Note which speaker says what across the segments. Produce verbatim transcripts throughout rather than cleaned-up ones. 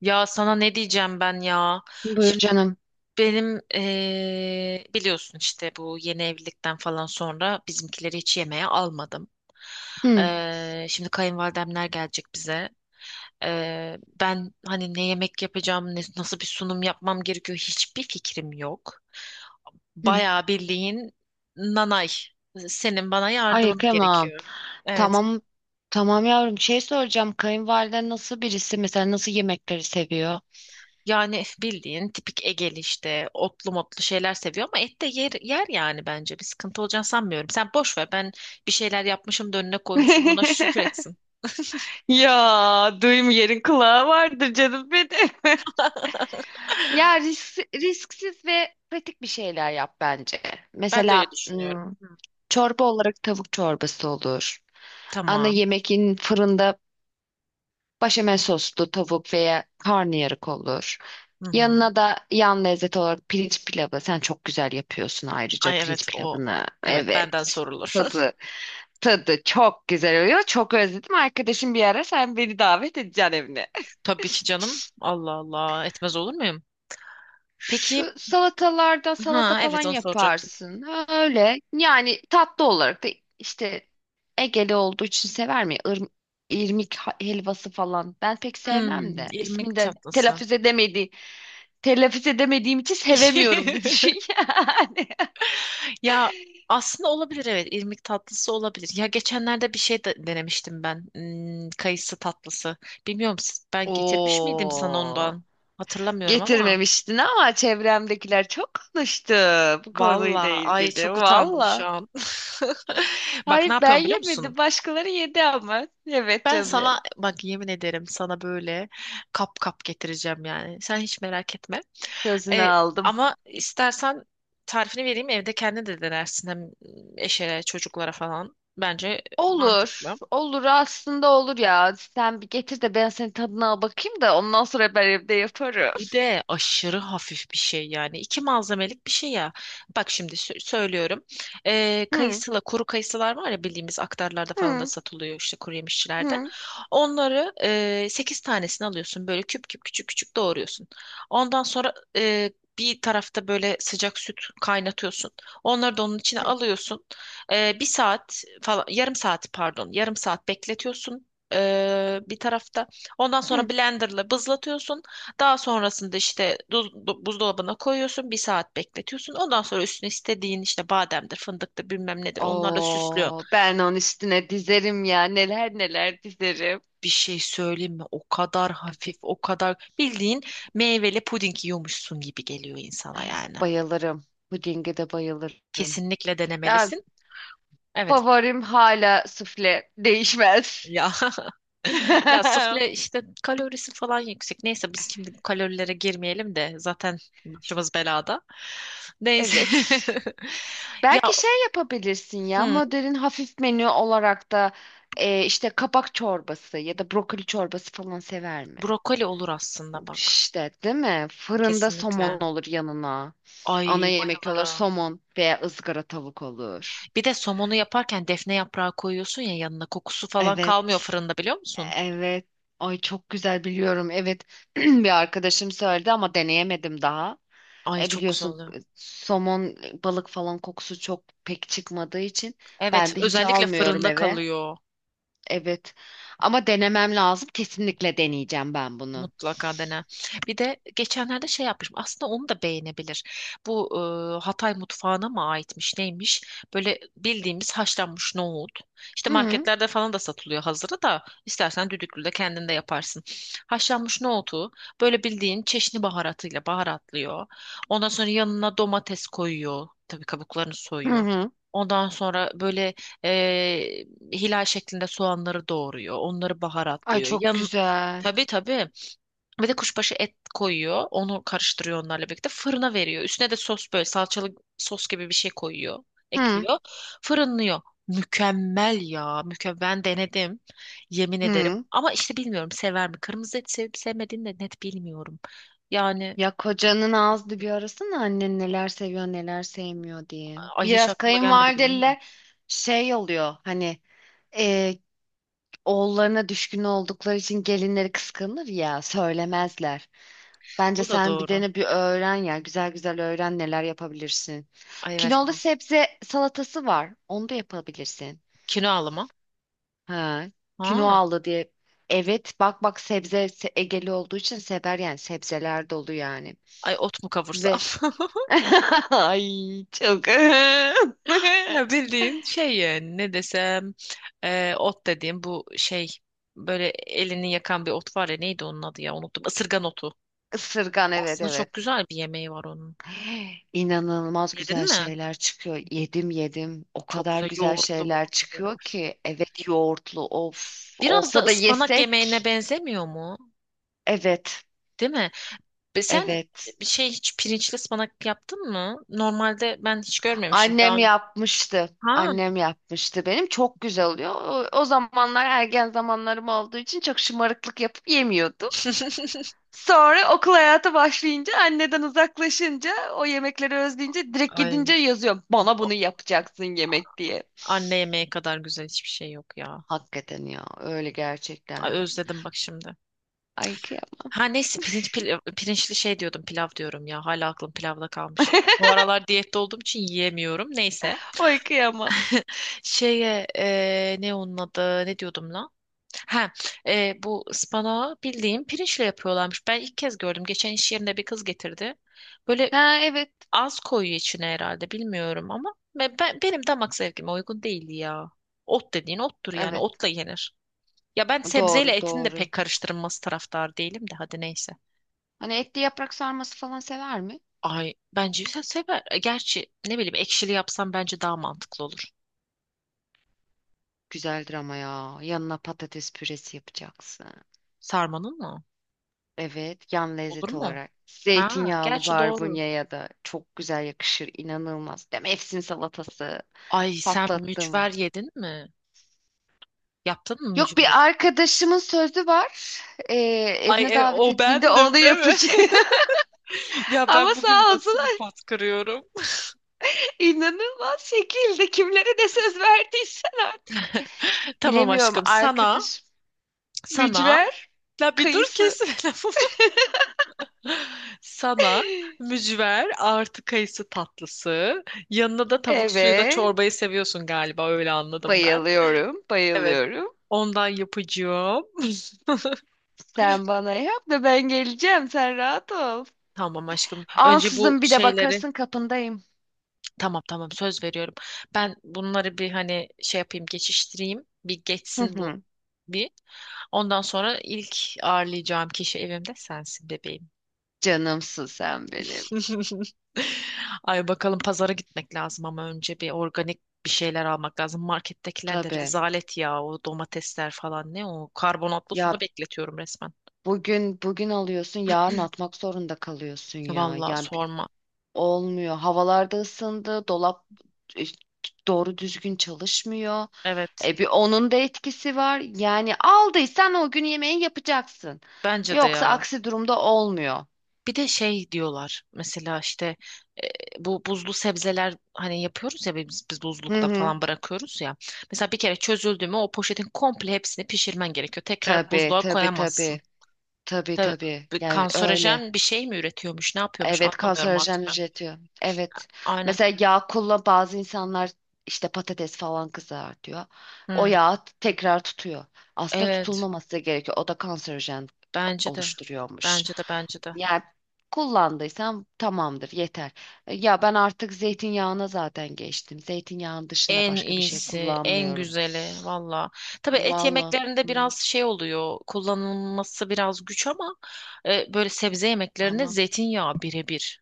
Speaker 1: Ya sana ne diyeceğim ben ya?
Speaker 2: Buyur
Speaker 1: Şimdi
Speaker 2: canım.
Speaker 1: benim eee, biliyorsun işte bu yeni evlilikten falan sonra bizimkileri hiç yemeğe almadım.
Speaker 2: Hı,
Speaker 1: Eee, şimdi kayınvalidemler gelecek bize. Eee, ben hani ne yemek yapacağım, ne- nasıl bir sunum yapmam gerekiyor hiçbir fikrim yok.
Speaker 2: hı.
Speaker 1: Bayağı bildiğin nanay. Senin bana
Speaker 2: Ay
Speaker 1: yardımın
Speaker 2: kıyamam.
Speaker 1: gerekiyor. Evet.
Speaker 2: Tamam. Tamam yavrum. Şey soracağım. Kayınvaliden nasıl birisi? Mesela nasıl yemekleri seviyor?
Speaker 1: Yani bildiğin tipik Egeli işte otlu motlu şeyler seviyor ama et de yer, yer yani bence bir sıkıntı olacağını sanmıyorum. Sen boş ver, ben bir şeyler yapmışım da önüne koymuşum, ona şükür etsin.
Speaker 2: Ya duyum yerin kulağı vardır canım benim. Ya risk, risksiz ve pratik bir şeyler yap bence.
Speaker 1: Ben de öyle
Speaker 2: Mesela
Speaker 1: düşünüyorum.
Speaker 2: ım,
Speaker 1: Hı.
Speaker 2: çorba olarak tavuk çorbası olur. Ana
Speaker 1: Tamam.
Speaker 2: yemekin fırında Başamel soslu tavuk veya karnıyarık olur.
Speaker 1: Hı hı.
Speaker 2: Yanına da yan lezzet olarak pirinç pilavı. Sen çok güzel yapıyorsun ayrıca
Speaker 1: Ay evet,
Speaker 2: pirinç
Speaker 1: o
Speaker 2: pilavını.
Speaker 1: evet benden
Speaker 2: Evet.
Speaker 1: sorulur.
Speaker 2: Tadı, tadı çok güzel oluyor. Çok özledim. Arkadaşım bir ara sen beni davet edeceksin evine.
Speaker 1: Tabii ki canım, Allah Allah, etmez olur muyum? Peki,
Speaker 2: Şu salatalardan salata
Speaker 1: ha
Speaker 2: falan
Speaker 1: evet, onu soracaktım.
Speaker 2: yaparsın. Ha, öyle. Yani tatlı olarak da işte Egeli olduğu için sever mi? Ir- irmik ha- helvası falan. Ben pek sevmem
Speaker 1: Hmm,
Speaker 2: de.
Speaker 1: irmik
Speaker 2: İsmini de
Speaker 1: tatlısı.
Speaker 2: telaffuz edemedi. Telaffuz edemediğim için sevemiyorum da düşün yani.
Speaker 1: Ya aslında olabilir, evet irmik tatlısı olabilir. Ya geçenlerde bir şey de denemiştim ben. Hmm, kayısı tatlısı. Bilmiyorum, s- ben getirmiş miydim sana
Speaker 2: Oo.
Speaker 1: ondan? Hatırlamıyorum ama.
Speaker 2: Getirmemiştin ama çevremdekiler çok konuştu bu konuyla
Speaker 1: Valla ay,
Speaker 2: ilgili.
Speaker 1: çok utandım şu
Speaker 2: Valla.
Speaker 1: an. Bak ne
Speaker 2: Hayır ben
Speaker 1: yapıyorum biliyor musun?
Speaker 2: yemedim. Başkaları yedi ama. Evet
Speaker 1: Ben
Speaker 2: canım.
Speaker 1: sana bak, yemin ederim sana böyle kap kap getireceğim yani. Sen hiç merak etme.
Speaker 2: Sözünü
Speaker 1: E,
Speaker 2: aldım.
Speaker 1: Ama istersen tarifini vereyim, evde kendin de denersin hem eşe çocuklara falan. Bence mantıklı.
Speaker 2: Olur. Olur aslında olur ya. Sen bir getir de ben senin tadına al bakayım da ondan sonra ben evde yaparım.
Speaker 1: Bir de aşırı hafif bir şey yani. İki malzemelik bir şey ya. Bak şimdi sö- söylüyorum. Ee,
Speaker 2: Hı
Speaker 1: kayısıla, kuru kayısılar var ya, bildiğimiz aktarlarda falan da
Speaker 2: hı,
Speaker 1: satılıyor, işte kuru yemişçilerde.
Speaker 2: hı
Speaker 1: Onları e, sekiz tanesini alıyorsun. Böyle küp küp küçük küçük doğruyorsun. Ondan sonra e, bir tarafta böyle sıcak süt kaynatıyorsun. Onları da onun içine
Speaker 2: hı,
Speaker 1: alıyorsun. E, bir saat falan, yarım saat pardon, yarım saat bekletiyorsun. E, bir tarafta. Ondan sonra
Speaker 2: hı.
Speaker 1: blenderla bızlatıyorsun. Daha sonrasında işte duz- du- buzdolabına koyuyorsun, bir saat bekletiyorsun. Ondan sonra üstüne istediğin işte bademdir, fındıktır, bilmem nedir, onlarla süslüyorsun.
Speaker 2: Oo, ben onun üstüne dizerim ya. Neler neler dizerim.
Speaker 1: Bir şey söyleyeyim mi? O kadar hafif,
Speaker 2: Evet,
Speaker 1: o kadar bildiğin meyveli puding yiyormuşsun gibi geliyor insana yani.
Speaker 2: bayılırım. Pudinge de bayılırım.
Speaker 1: Kesinlikle
Speaker 2: Ya
Speaker 1: denemelisin. Evet.
Speaker 2: favorim hala sufle değişmez.
Speaker 1: Ya ya sufle işte kalorisi falan yüksek. Neyse, biz şimdi bu kalorilere girmeyelim de zaten başımız belada. Neyse.
Speaker 2: Evet.
Speaker 1: Ya
Speaker 2: Belki şey yapabilirsin ya
Speaker 1: hı.
Speaker 2: modern hafif menü olarak da e, işte kabak çorbası ya da brokoli çorbası falan sever mi?
Speaker 1: Brokoli olur aslında bak.
Speaker 2: İşte değil mi? Fırında
Speaker 1: Kesinlikle.
Speaker 2: somon olur yanına. Ana
Speaker 1: Ay
Speaker 2: yemek olur
Speaker 1: bayılırım.
Speaker 2: somon veya ızgara tavuk olur.
Speaker 1: Bir de somonu yaparken defne yaprağı koyuyorsun ya yanına, kokusu falan kalmıyor
Speaker 2: Evet.
Speaker 1: fırında, biliyor musun?
Speaker 2: Evet. Ay çok güzel biliyorum. Evet. Bir arkadaşım söyledi ama deneyemedim daha.
Speaker 1: Ay
Speaker 2: E
Speaker 1: çok güzel
Speaker 2: biliyorsun,
Speaker 1: oluyor.
Speaker 2: e, somon, e, balık falan kokusu çok pek çıkmadığı için
Speaker 1: Evet,
Speaker 2: ben de hiç
Speaker 1: özellikle
Speaker 2: almıyorum
Speaker 1: fırında
Speaker 2: eve.
Speaker 1: kalıyor.
Speaker 2: Evet. Ama denemem lazım. Kesinlikle deneyeceğim ben bunu.
Speaker 1: Mutlaka dene. Bir de geçenlerde şey yapmışım. Aslında onu da beğenebilir. Bu e, Hatay mutfağına mı aitmiş neymiş? Böyle bildiğimiz haşlanmış nohut. İşte
Speaker 2: Hı
Speaker 1: marketlerde falan da satılıyor hazırı da. İstersen düdüklü de kendin de yaparsın. Haşlanmış nohutu böyle bildiğin çeşni baharatıyla baharatlıyor. Ondan sonra yanına domates koyuyor. Tabii kabuklarını
Speaker 2: hı,
Speaker 1: soyuyor.
Speaker 2: hı.
Speaker 1: Ondan sonra böyle e, hilal şeklinde soğanları doğruyor. Onları
Speaker 2: Ay
Speaker 1: baharatlıyor.
Speaker 2: çok
Speaker 1: Yan,
Speaker 2: güzel.
Speaker 1: tabii tabii ve de kuşbaşı et koyuyor. Onu karıştırıyor onlarla birlikte. Fırına veriyor. Üstüne de sos, böyle salçalı sos gibi bir şey koyuyor.
Speaker 2: Hı
Speaker 1: Ekliyor. Fırınlıyor. Mükemmel ya. Mükemmel. Ben denedim. Yemin ederim.
Speaker 2: hı.
Speaker 1: Ama işte bilmiyorum sever mi? Kırmızı et sevip sevmediğini de net bilmiyorum. Yani
Speaker 2: Ya kocanın ağzını bir arasana annen neler seviyor neler sevmiyor diye.
Speaker 1: ay, hiç
Speaker 2: Biraz
Speaker 1: aklıma gelmedi biliyor musun?
Speaker 2: kayınvalideler şey oluyor hani e, oğullarına düşkün oldukları için gelinleri kıskanır ya söylemezler. Bence
Speaker 1: Bu da
Speaker 2: sen bir
Speaker 1: doğru.
Speaker 2: dene bir öğren ya güzel güzel öğren neler yapabilirsin.
Speaker 1: Ay evet,
Speaker 2: Kinolu
Speaker 1: mantıklı.
Speaker 2: sebze salatası var onu da yapabilirsin.
Speaker 1: Kinoalı mı?
Speaker 2: Ha,
Speaker 1: Ha.
Speaker 2: aldı diye. Evet bak bak sebze se- Egeli olduğu için sever yani sebzeler dolu yani.
Speaker 1: Ay ot mu kavursam?
Speaker 2: Ve ay çok
Speaker 1: Ya bildiğin şey yani, ne desem, e, ot dediğim bu şey, böyle elini yakan bir ot var ya, neydi onun adı ya, unuttum. Isırgan otu.
Speaker 2: ısırgan, evet
Speaker 1: Aslında
Speaker 2: evet.
Speaker 1: çok güzel bir yemeği var onun.
Speaker 2: İnanılmaz güzel
Speaker 1: Yedin mi?
Speaker 2: şeyler çıkıyor. Yedim yedim. O
Speaker 1: Çok
Speaker 2: kadar
Speaker 1: güzel
Speaker 2: güzel
Speaker 1: yoğurtlu
Speaker 2: şeyler
Speaker 1: moğurtlu böyle.
Speaker 2: çıkıyor
Speaker 1: Of.
Speaker 2: ki. Evet yoğurtlu of
Speaker 1: Biraz da
Speaker 2: olsa da
Speaker 1: ıspanak yemeğine
Speaker 2: yesek.
Speaker 1: benzemiyor mu?
Speaker 2: Evet
Speaker 1: Değil mi? Ve sen
Speaker 2: evet.
Speaker 1: bir şey, hiç pirinçli ıspanak yaptın mı? Normalde ben hiç görmemiştim daha
Speaker 2: Annem
Speaker 1: önce.
Speaker 2: yapmıştı.
Speaker 1: Ha.
Speaker 2: Annem yapmıştı benim. Çok güzel oluyor. O, o zamanlar ergen zamanlarım olduğu için çok şımarıklık yapıp yemiyordum. Sonra okul hayatı başlayınca anneden uzaklaşınca o yemekleri özleyince direkt
Speaker 1: Ay,
Speaker 2: gidince yazıyor. Bana bunu
Speaker 1: o-
Speaker 2: yapacaksın yemek diye.
Speaker 1: anne yemeği kadar güzel hiçbir şey yok ya.
Speaker 2: Hakikaten ya öyle
Speaker 1: Ay,
Speaker 2: gerçekten de.
Speaker 1: özledim bak şimdi.
Speaker 2: Ay kıyamam.
Speaker 1: Ha neyse, pirinç pil- pirinçli şey diyordum, pilav diyorum ya, hala aklım pilavda kalmış. Bu aralar diyette olduğum için yiyemiyorum. Neyse.
Speaker 2: Ay kıyamam.
Speaker 1: Şeye e, ne onun adı, ne diyordum lan? Ha e, bu ıspanağı bildiğim pirinçle yapıyorlarmış. Ben ilk kez gördüm. Geçen iş yerinde bir kız getirdi. Böyle
Speaker 2: Ha evet.
Speaker 1: az koyuyor içine herhalde, bilmiyorum ama ve ben, benim damak zevkime uygun değildi ya. Ot dediğin ottur yani,
Speaker 2: Evet.
Speaker 1: otla yenir. Ya ben sebzeyle
Speaker 2: Doğru
Speaker 1: etin de
Speaker 2: doğru.
Speaker 1: pek karıştırılması taraftar değilim de, hadi neyse.
Speaker 2: Hani etli yaprak sarması falan sever mi?
Speaker 1: Ay bence sen sever. E, Gerçi ne bileyim, ekşili yapsam bence daha mantıklı olur.
Speaker 2: Güzeldir ama ya. Yanına patates püresi yapacaksın.
Speaker 1: Sarmanın mı?
Speaker 2: Evet, yan
Speaker 1: Olur
Speaker 2: lezzet
Speaker 1: mu?
Speaker 2: olarak.
Speaker 1: Ha,
Speaker 2: Zeytinyağlı
Speaker 1: gerçi doğru.
Speaker 2: barbunya ya da çok güzel yakışır. İnanılmaz. Değil mi? Efsin salatası.
Speaker 1: Ay sen mücver
Speaker 2: Patlattım.
Speaker 1: yedin mi? Yaptın mı
Speaker 2: Yok
Speaker 1: mücveri?
Speaker 2: bir arkadaşımın sözü var. Ee,
Speaker 1: Ay
Speaker 2: Evine
Speaker 1: e,
Speaker 2: davet
Speaker 1: o
Speaker 2: ettiğinde
Speaker 1: bendim
Speaker 2: onu
Speaker 1: değil mi?
Speaker 2: yapacağım.
Speaker 1: Ya
Speaker 2: Ama
Speaker 1: ben bugün
Speaker 2: sağ
Speaker 1: nasıl bir
Speaker 2: olsunlar.
Speaker 1: pot kırıyorum?
Speaker 2: İnanılmaz şekilde kimlere de söz verdiysen artık.
Speaker 1: Tamam
Speaker 2: Bilemiyorum
Speaker 1: aşkım, sana,
Speaker 2: arkadaş,
Speaker 1: sana.
Speaker 2: mücver,
Speaker 1: La bir dur,
Speaker 2: kayısı.
Speaker 1: kesme lafımı. Sana mücver artı kayısı tatlısı. Yanına da tavuk suyuna
Speaker 2: Evet.
Speaker 1: çorbayı seviyorsun galiba, öyle anladım ben.
Speaker 2: Bayılıyorum,
Speaker 1: Evet,
Speaker 2: bayılıyorum.
Speaker 1: ondan yapacağım.
Speaker 2: Sen bana yap da ben geleceğim. Sen rahat ol.
Speaker 1: Tamam aşkım. Önce bu
Speaker 2: Ansızın bir de
Speaker 1: şeyleri,
Speaker 2: bakarsın kapındayım.
Speaker 1: tamam tamam söz veriyorum. Ben bunları bir hani şey yapayım, geçiştireyim. Bir
Speaker 2: Hı
Speaker 1: geçsin bu
Speaker 2: hı.
Speaker 1: bir. Ondan sonra ilk ağırlayacağım kişi evimde sensin bebeğim.
Speaker 2: Canımsın sen benim.
Speaker 1: Ay bakalım, pazara gitmek lazım ama önce bir organik bir şeyler almak lazım. Markettekiler de
Speaker 2: Tabii.
Speaker 1: rezalet ya, o domatesler falan, ne o, karbonatlı suda
Speaker 2: Ya
Speaker 1: bekletiyorum resmen.
Speaker 2: bugün bugün alıyorsun, yarın atmak zorunda kalıyorsun ya.
Speaker 1: Vallahi
Speaker 2: Yani bi-
Speaker 1: sorma.
Speaker 2: olmuyor. Havalarda ısındı, dolap e, doğru düzgün çalışmıyor.
Speaker 1: Evet.
Speaker 2: E bir onun da etkisi var. Yani aldıysan o gün yemeği yapacaksın.
Speaker 1: Bence de
Speaker 2: Yoksa
Speaker 1: ya.
Speaker 2: aksi durumda olmuyor.
Speaker 1: Bir de şey diyorlar mesela işte, e, bu buzlu sebzeler hani yapıyoruz ya, biz, biz
Speaker 2: Hı
Speaker 1: buzlukta
Speaker 2: hı.
Speaker 1: falan bırakıyoruz ya. Mesela bir kere çözüldü mü o poşetin komple hepsini pişirmen gerekiyor. Tekrar
Speaker 2: Tabii
Speaker 1: buzluğa
Speaker 2: tabii
Speaker 1: koyamazsın.
Speaker 2: tabii. Tabii
Speaker 1: Tabii
Speaker 2: tabii.
Speaker 1: bir
Speaker 2: Yani öyle.
Speaker 1: kanserojen bir şey mi üretiyormuş, ne yapıyormuş,
Speaker 2: Evet,
Speaker 1: anlamıyorum artık
Speaker 2: kanserojen
Speaker 1: ben.
Speaker 2: üretiyor. Evet.
Speaker 1: Aynen.
Speaker 2: Mesela yağ kullan, bazı insanlar işte patates falan kızartıyor. O
Speaker 1: Hmm.
Speaker 2: yağ tekrar tutuyor. Aslında
Speaker 1: Evet,
Speaker 2: tutulmaması gerekiyor. O da kanserojen
Speaker 1: bence de
Speaker 2: oluşturuyormuş.
Speaker 1: bence de bence de.
Speaker 2: Yani kullandıysam tamamdır yeter. E, ya ben artık zeytinyağına zaten geçtim. Zeytinyağının dışında
Speaker 1: En
Speaker 2: başka bir şey
Speaker 1: iyisi, en
Speaker 2: kullanmıyorum.
Speaker 1: güzeli valla. Tabii et
Speaker 2: Vallahi.
Speaker 1: yemeklerinde
Speaker 2: Hı,
Speaker 1: biraz şey oluyor, kullanılması biraz güç ama e, böyle sebze yemeklerinde
Speaker 2: ama
Speaker 1: zeytinyağı birebir.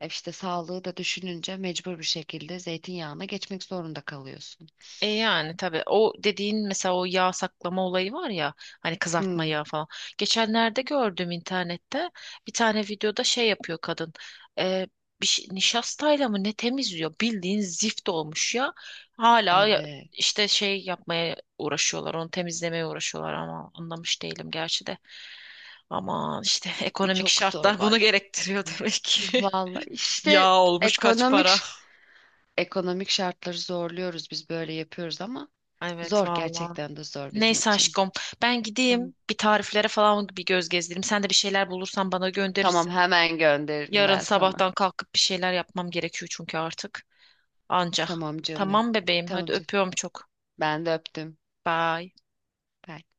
Speaker 2: E işte sağlığı da düşününce mecbur bir şekilde zeytinyağına geçmek zorunda kalıyorsun.
Speaker 1: E yani tabii, o dediğin mesela o yağ saklama olayı var ya, hani kızartma
Speaker 2: Hmm.
Speaker 1: yağı falan. Geçenlerde gördüm internette bir tane videoda şey yapıyor kadın. E, Bir şey, nişastayla mı ne temizliyor, bildiğin zift olmuş ya. Hala ya-
Speaker 2: Evet,
Speaker 1: işte şey yapmaya uğraşıyorlar, onu temizlemeye uğraşıyorlar ama anlamış değilim gerçi de. Ama işte ekonomik
Speaker 2: çok zor
Speaker 1: şartlar bunu
Speaker 2: var.
Speaker 1: gerektiriyor demek ki.
Speaker 2: Vallahi
Speaker 1: Yağ
Speaker 2: işte
Speaker 1: olmuş kaç para.
Speaker 2: ekonomik ekonomik şartları zorluyoruz biz böyle yapıyoruz ama
Speaker 1: Evet
Speaker 2: zor,
Speaker 1: vallahi.
Speaker 2: gerçekten de zor bizim
Speaker 1: Neyse
Speaker 2: için.
Speaker 1: aşkım, ben
Speaker 2: Tamam.
Speaker 1: gideyim bir tariflere falan bir göz gezdireyim. Sen de bir şeyler bulursan bana
Speaker 2: Tamam
Speaker 1: gönderirsin.
Speaker 2: hemen gönderirim
Speaker 1: Yarın
Speaker 2: ben sana.
Speaker 1: sabahtan kalkıp bir şeyler yapmam gerekiyor çünkü artık. Anca.
Speaker 2: Tamam canım. Benim.
Speaker 1: Tamam bebeğim, hadi
Speaker 2: Tamam canım.
Speaker 1: öpüyorum çok.
Speaker 2: Ben de öptüm.
Speaker 1: Bye.
Speaker 2: Bye.